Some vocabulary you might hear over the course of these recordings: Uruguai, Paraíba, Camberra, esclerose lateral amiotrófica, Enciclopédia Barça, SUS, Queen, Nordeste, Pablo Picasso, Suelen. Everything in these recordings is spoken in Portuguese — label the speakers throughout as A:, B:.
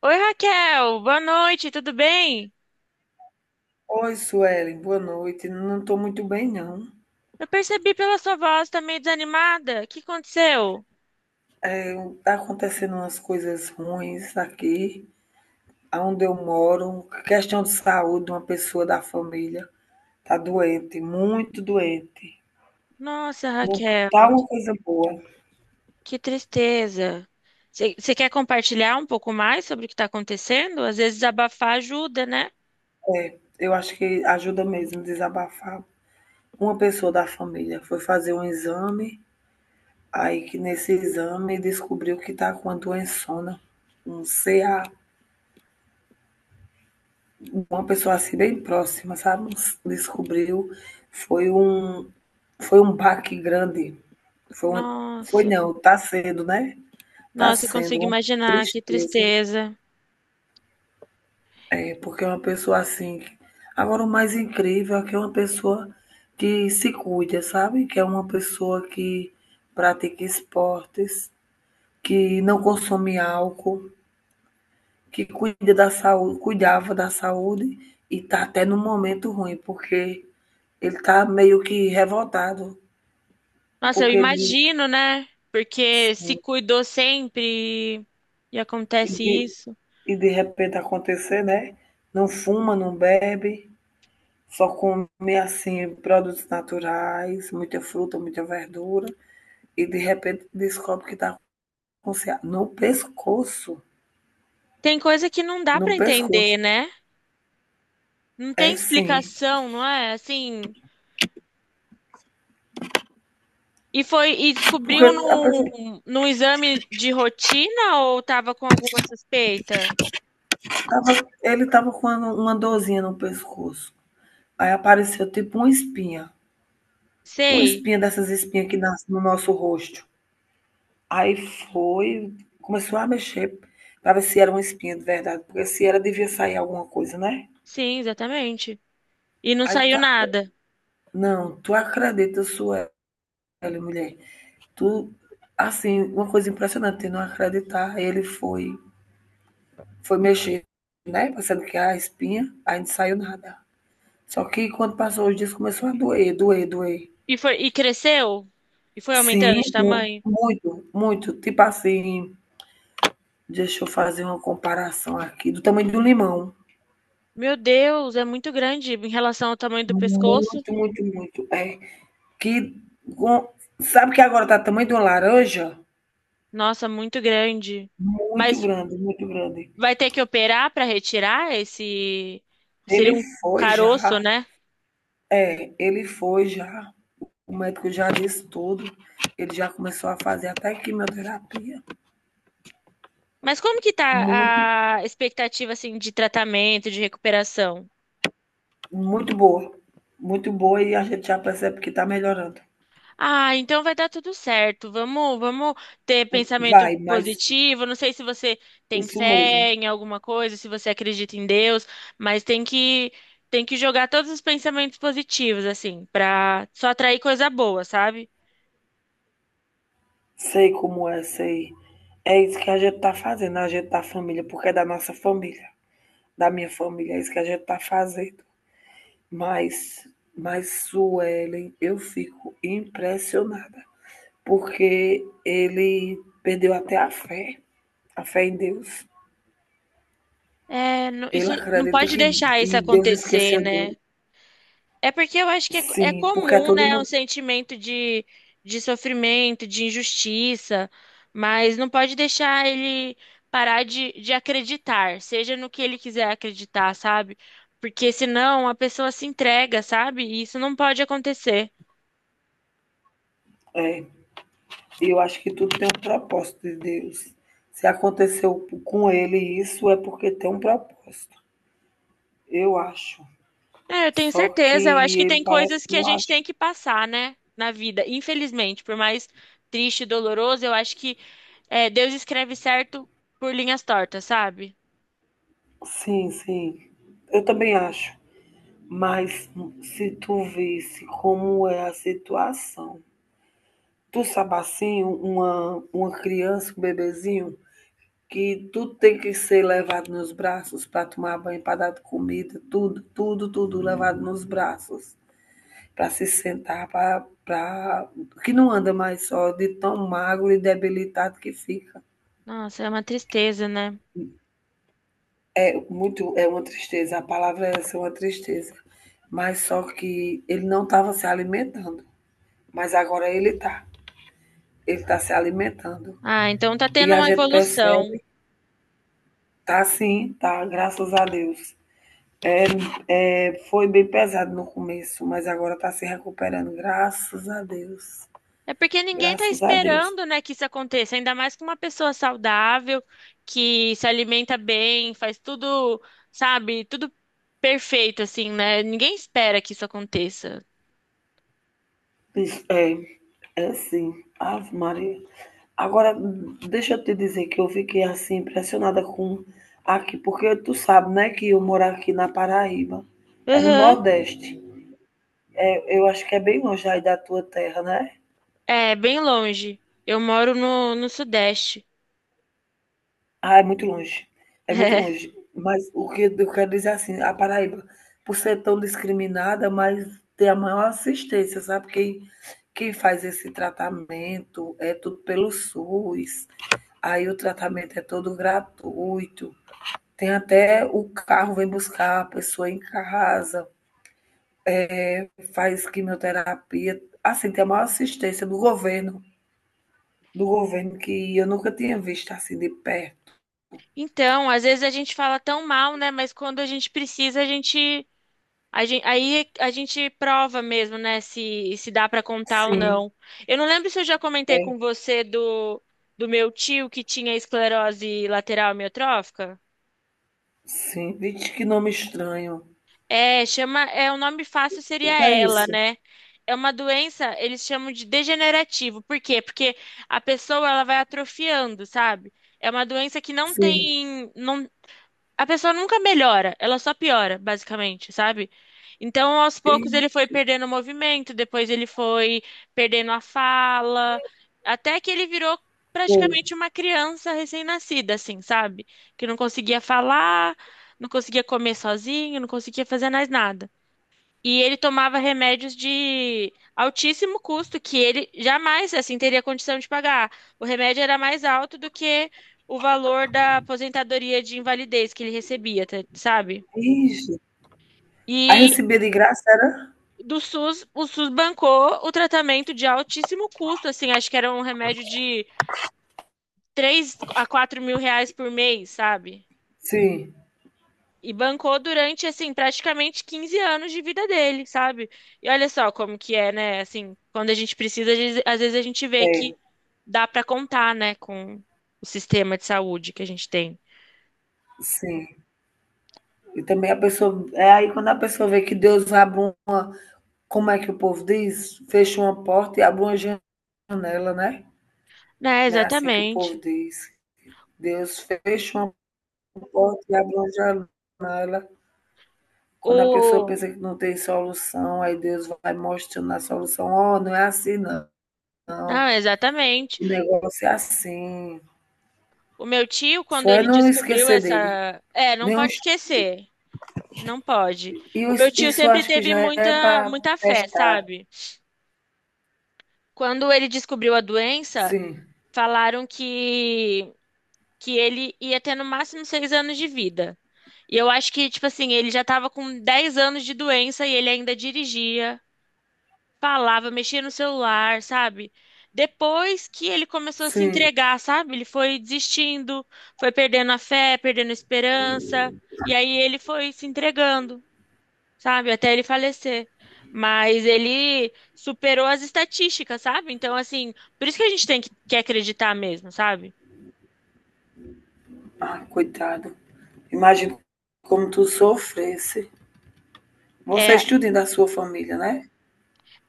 A: Oi, Raquel, boa noite, tudo bem?
B: Oi, Suelen, boa noite. Não estou muito bem, não.
A: Eu percebi pela sua voz, tá meio desanimada. O que aconteceu?
B: É, tá acontecendo umas coisas ruins aqui, onde eu moro. Questão de saúde, uma pessoa da família tá doente, muito doente.
A: Nossa,
B: Não
A: Raquel,
B: tá uma coisa boa.
A: que tristeza. Você quer compartilhar um pouco mais sobre o que está acontecendo? Às vezes abafar ajuda, né?
B: Eu acho que ajuda mesmo desabafar. Uma pessoa da família foi fazer um exame, aí que nesse exame descobriu que tá com a doençona, um CA. Uma pessoa assim bem próxima, sabe? Descobriu, foi um foi um baque grande. Foi uma, foi
A: Nossa,
B: não, tá sendo, né? Tá
A: nossa, eu
B: sendo
A: consigo
B: uma
A: imaginar, que
B: tristeza,
A: tristeza.
B: é, porque é uma pessoa assim. Agora o mais incrível é que é uma pessoa que se cuida, sabe? Que é uma pessoa que pratica esportes, que não consome álcool, que cuida da saúde, cuidava da saúde e está até num momento ruim, porque ele está meio que revoltado,
A: Nossa, eu
B: porque ele,
A: imagino, né? Porque se
B: sim,
A: cuidou sempre e
B: e
A: acontece
B: de,
A: isso.
B: e de repente acontecer, né? Não fuma, não bebe, só come assim produtos naturais, muita fruta, muita verdura, e de repente descobre que está com no pescoço,
A: Tem coisa que não dá
B: no
A: para
B: pescoço.
A: entender, né? Não tem
B: É sim,
A: explicação, não é? Assim. E foi e descobriu
B: porque a pessoa
A: num exame de rotina ou tava com alguma suspeita?
B: tava, ele estava com uma dorzinha no pescoço. Aí apareceu tipo uma
A: Sei.
B: espinha dessas espinhas que nascem no nosso rosto. Aí foi, começou a mexer para ver se era uma espinha de verdade, porque se era devia sair alguma coisa, né?
A: Sim, exatamente. E não
B: Aí
A: saiu
B: tu,
A: nada.
B: não, tu acredita, Sueli, mulher. Tu, assim, uma coisa impressionante, eu não acreditar. Aí ele foi, foi mexer, né? Pensando que era a espinha, aí não saiu nada. Só que quando passou os dias, começou a doer, doer, doer.
A: E foi e cresceu? E foi aumentando
B: Sim,
A: de tamanho?
B: muito, muito. Tipo assim, deixa eu fazer uma comparação aqui do tamanho do limão.
A: Meu Deus, é muito grande em relação ao tamanho do pescoço.
B: Muito, muito, muito. É que com- sabe que agora tá do tamanho de uma laranja?
A: Nossa, muito grande.
B: Muito
A: Mas
B: grande, muito grande.
A: vai ter que operar para retirar esse seria
B: Ele
A: um
B: foi
A: caroço,
B: já,
A: né?
B: é, ele foi já. O médico já disse tudo. Ele já começou a fazer até quimioterapia.
A: Mas como que
B: Muito,
A: tá a expectativa assim de tratamento, de recuperação?
B: muito boa. Muito boa e a gente já percebe que tá melhorando.
A: Ah, então vai dar tudo certo. Vamos, ter pensamento
B: Vai, mas
A: positivo. Não sei se você tem
B: isso
A: fé
B: mesmo.
A: em alguma coisa, se você acredita em Deus, mas tem que jogar todos os pensamentos positivos assim, pra só atrair coisa boa, sabe?
B: Sei como é, sei. É isso que a gente tá fazendo, a gente tá família, porque é da nossa família, da minha família, é isso que a gente tá fazendo. Mas, Suelen, eu fico impressionada, porque ele perdeu até a fé em Deus.
A: Isso
B: Ele
A: não
B: acredita
A: pode
B: que,
A: deixar isso
B: Deus
A: acontecer,
B: esqueceu
A: né?
B: dele.
A: É porque eu acho que é
B: Sim, porque é
A: comum,
B: todo
A: né, um
B: mundo.
A: sentimento de sofrimento, de injustiça, mas não pode deixar ele parar de acreditar, seja no que ele quiser acreditar, sabe? Porque senão a pessoa se entrega, sabe? E isso não pode acontecer.
B: É, eu acho que tudo tem um propósito de Deus. Se aconteceu com ele isso, é porque tem um propósito. Eu acho.
A: É, eu tenho
B: Só que
A: certeza, eu acho que
B: ele
A: tem
B: parece
A: coisas
B: que
A: que a
B: não
A: gente
B: acha
A: tem que passar, né, na vida, infelizmente, por mais triste e doloroso, eu acho que Deus escreve certo por linhas tortas, sabe?
B: sim, sim. Eu também acho, mas se tu visse como é a situação. Tu sabe assim, uma criança, um bebezinho, que tu tem que ser levado nos braços para tomar banho, para dar comida, tudo, tudo, tudo levado nos braços, para se sentar, para que não anda mais só de tão magro e debilitado que fica.
A: Nossa, é uma tristeza, né?
B: Muito, é uma tristeza, a palavra é essa, é uma tristeza. Mas só que ele não estava se alimentando, mas agora ele está. Ele está se alimentando.
A: Ah, então tá
B: E
A: tendo
B: a
A: uma
B: gente
A: evolução.
B: percebe, tá sim, tá, graças a Deus. É, foi bem pesado no começo, mas agora está se recuperando, graças a Deus.
A: É porque ninguém tá
B: Graças a Deus.
A: esperando, né, que isso aconteça, ainda mais com uma pessoa saudável, que se alimenta bem, faz tudo, sabe, tudo perfeito, assim, né? Ninguém espera que isso aconteça.
B: É, é sim. Ave Maria. Agora, deixa eu te dizer que eu fiquei assim impressionada com aqui, porque tu sabe, né, que eu moro aqui na Paraíba, é no
A: Aham.
B: Nordeste. Eu acho que é bem longe aí da tua terra, né?
A: É, bem longe. Eu moro no Sudeste.
B: Ah, é muito longe, é muito
A: É.
B: longe. Mas o que eu quero dizer assim, a Paraíba, por ser tão discriminada, mas tem a maior assistência, sabe? Quem faz esse tratamento é tudo pelo SUS, aí o tratamento é todo gratuito. Tem até o carro vem buscar a pessoa em casa, faz quimioterapia. Assim, tem a maior assistência do governo que eu nunca tinha visto assim de perto.
A: Então, às vezes a gente fala tão mal, né? Mas quando a gente precisa, a gente A gen- aí a gente prova mesmo, né, se dá para contar ou
B: Sim,
A: não. Eu não lembro se eu já comentei
B: é.
A: com você do meu tio que tinha esclerose lateral amiotrófica.
B: Sim. Vixe, que nome estranho.
A: É, chama, é, o nome fácil seria
B: O que é
A: ELA,
B: isso?
A: né? É uma doença, eles chamam de degenerativo. Por quê? Porque a pessoa ela vai atrofiando, sabe? É uma doença que não
B: Sim.
A: tem, não, a pessoa nunca melhora, ela só piora, basicamente, sabe? Então, aos poucos, ele foi
B: Ixi,
A: perdendo o movimento, depois ele foi perdendo a fala, até que ele virou
B: foi.
A: praticamente uma criança recém-nascida, assim, sabe? Que não conseguia falar, não conseguia comer sozinho, não conseguia fazer mais nada. E ele tomava remédios de altíssimo custo, que ele jamais, assim, teria condição de pagar. O remédio era mais alto do que o valor da aposentadoria de invalidez que ele recebia, tá- sabe?
B: Ixi. Aí
A: E
B: recebia de graça, era?
A: do SUS, o SUS bancou o tratamento de altíssimo custo, assim, acho que era um remédio de R$ 3 a 4 mil por mês, sabe?
B: Sim,
A: E bancou durante, assim, praticamente 15 anos de vida dele, sabe? E olha só como que é, né? Assim, quando a gente precisa, às vezes a gente vê
B: é,
A: que dá pra contar, né, com o sistema de saúde que a gente tem.
B: sim. E também a pessoa. É aí quando a pessoa vê que Deus abre um. Como é que o povo diz? Fecha uma porta e abre uma janela, né?
A: Né,
B: Não é assim que o povo
A: exatamente.
B: diz. Deus fecha uma porta e abre uma janela. Quando a pessoa
A: O...
B: pensa que não tem solução, aí Deus vai mostrando a solução. Oh, não é assim, não. Não.
A: Não, exatamente.
B: O negócio é assim.
A: O meu tio, quando
B: Só é
A: ele
B: não
A: descobriu
B: esquecer dele.
A: essa... É, não
B: Nenhum...
A: pode esquecer. Não pode.
B: E
A: O meu tio
B: isso
A: sempre
B: acho que
A: teve
B: já é
A: muita,
B: para
A: muita fé,
B: testar.
A: sabe? Quando ele descobriu a doença,
B: Sim,
A: falaram que ele ia ter no máximo 6 anos de vida. E eu acho que, tipo assim, ele já tava com 10 anos de doença e ele ainda dirigia, falava, mexia no celular, sabe? Depois que ele começou a se
B: sim.
A: entregar, sabe? Ele foi desistindo, foi perdendo a fé, perdendo a esperança, e aí ele foi se entregando, sabe? Até ele falecer. Mas ele superou as estatísticas, sabe? Então, assim, por isso que a gente tem que acreditar mesmo, sabe?
B: Ah, coitado. Imagina como tu sofresse. Você
A: É,
B: estuda da sua família, né?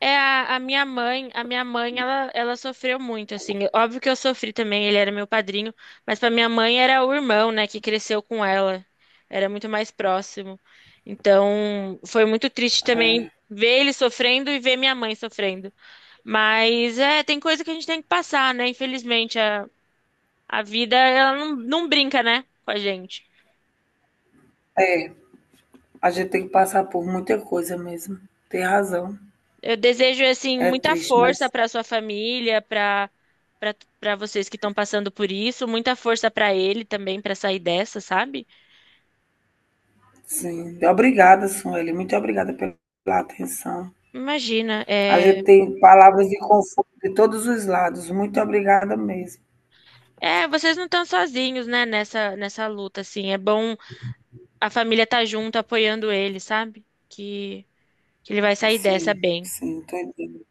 A: é, a minha mãe, ela sofreu muito, assim. Óbvio que eu sofri também, ele era meu padrinho, mas para minha mãe era o irmão, né, que cresceu com ela. Era muito mais próximo. Então, foi muito triste também
B: É.
A: ver ele sofrendo e ver minha mãe sofrendo. Mas é, tem coisa que a gente tem que passar, né? Infelizmente, a vida, ela não brinca, né, com a gente.
B: É. A gente tem que passar por muita coisa mesmo. Tem razão.
A: Eu desejo assim
B: É
A: muita
B: triste, mas
A: força para sua família, para vocês que estão passando por isso, muita força para ele também para sair dessa, sabe?
B: sim. Obrigada, Sueli. Muito obrigada pela atenção.
A: Imagina,
B: A
A: é,
B: gente tem palavras de conforto de todos os lados. Muito obrigada mesmo.
A: é, vocês não estão sozinhos, né, nessa luta assim. É bom a família estar junto apoiando ele, sabe? Que ele vai sair dessa
B: Sim,
A: bem.
B: sim, estou entendendo.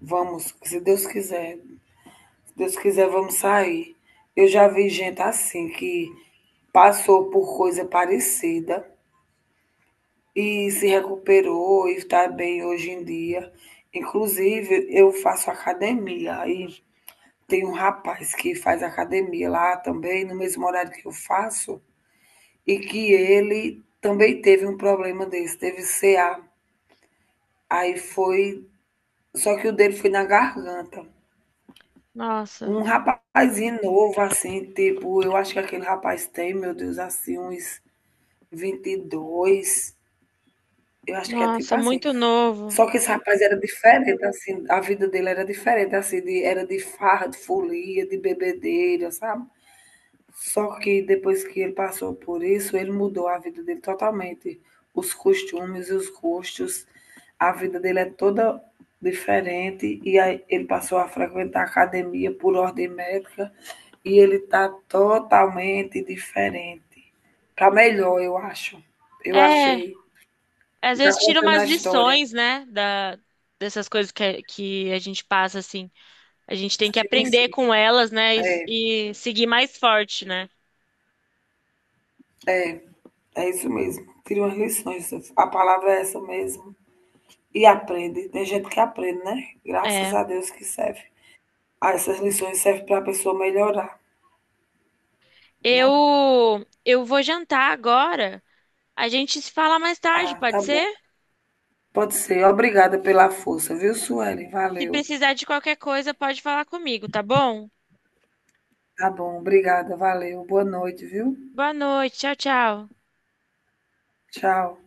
B: Vamos, se Deus quiser. Se Deus quiser, vamos sair. Eu já vi gente assim que passou por coisa parecida e se recuperou e está bem hoje em dia. Inclusive, eu faço academia e tem um rapaz que faz academia lá também, no mesmo horário que eu faço, e que ele também teve um problema desse, teve CA. Aí foi, só que o dele foi na garganta.
A: Nossa,
B: Um rapazinho novo, assim, tipo, eu acho que aquele rapaz tem, meu Deus, assim, uns 22, eu acho que é tipo
A: nossa,
B: assim.
A: muito novo.
B: Só que esse rapaz era diferente, assim, a vida dele era diferente, assim, de, era de farra, de folia, de bebedeira, sabe? Só que depois que ele passou por isso, ele mudou a vida dele totalmente. Os costumes e os gostos, a vida dele é toda diferente e aí ele passou a frequentar a academia por ordem médica e ele está totalmente diferente. Para melhor, eu acho. Eu
A: É,
B: achei.
A: às
B: Está
A: vezes tira
B: contando
A: umas
B: a história.
A: lições, né, da dessas coisas que a gente passa assim. A gente tem que
B: Sim,
A: aprender
B: sim.
A: com elas, né? E,
B: É.
A: e seguir mais forte, né?
B: É, é isso mesmo. Tira umas lições. A palavra é essa mesmo. E aprende. Tem gente que aprende, né? Graças
A: É.
B: a Deus que serve. Ah, essas lições servem para a pessoa melhorar,
A: Eu,
B: né?
A: eu vou jantar agora. A gente se fala mais tarde,
B: Ah, tá
A: pode
B: bom.
A: ser?
B: Pode ser. Obrigada pela força, viu, Sueli?
A: Se
B: Valeu.
A: precisar de qualquer coisa, pode falar comigo, tá bom?
B: Tá bom, obrigada, valeu. Boa noite, viu?
A: Boa noite, tchau, tchau.
B: Tchau.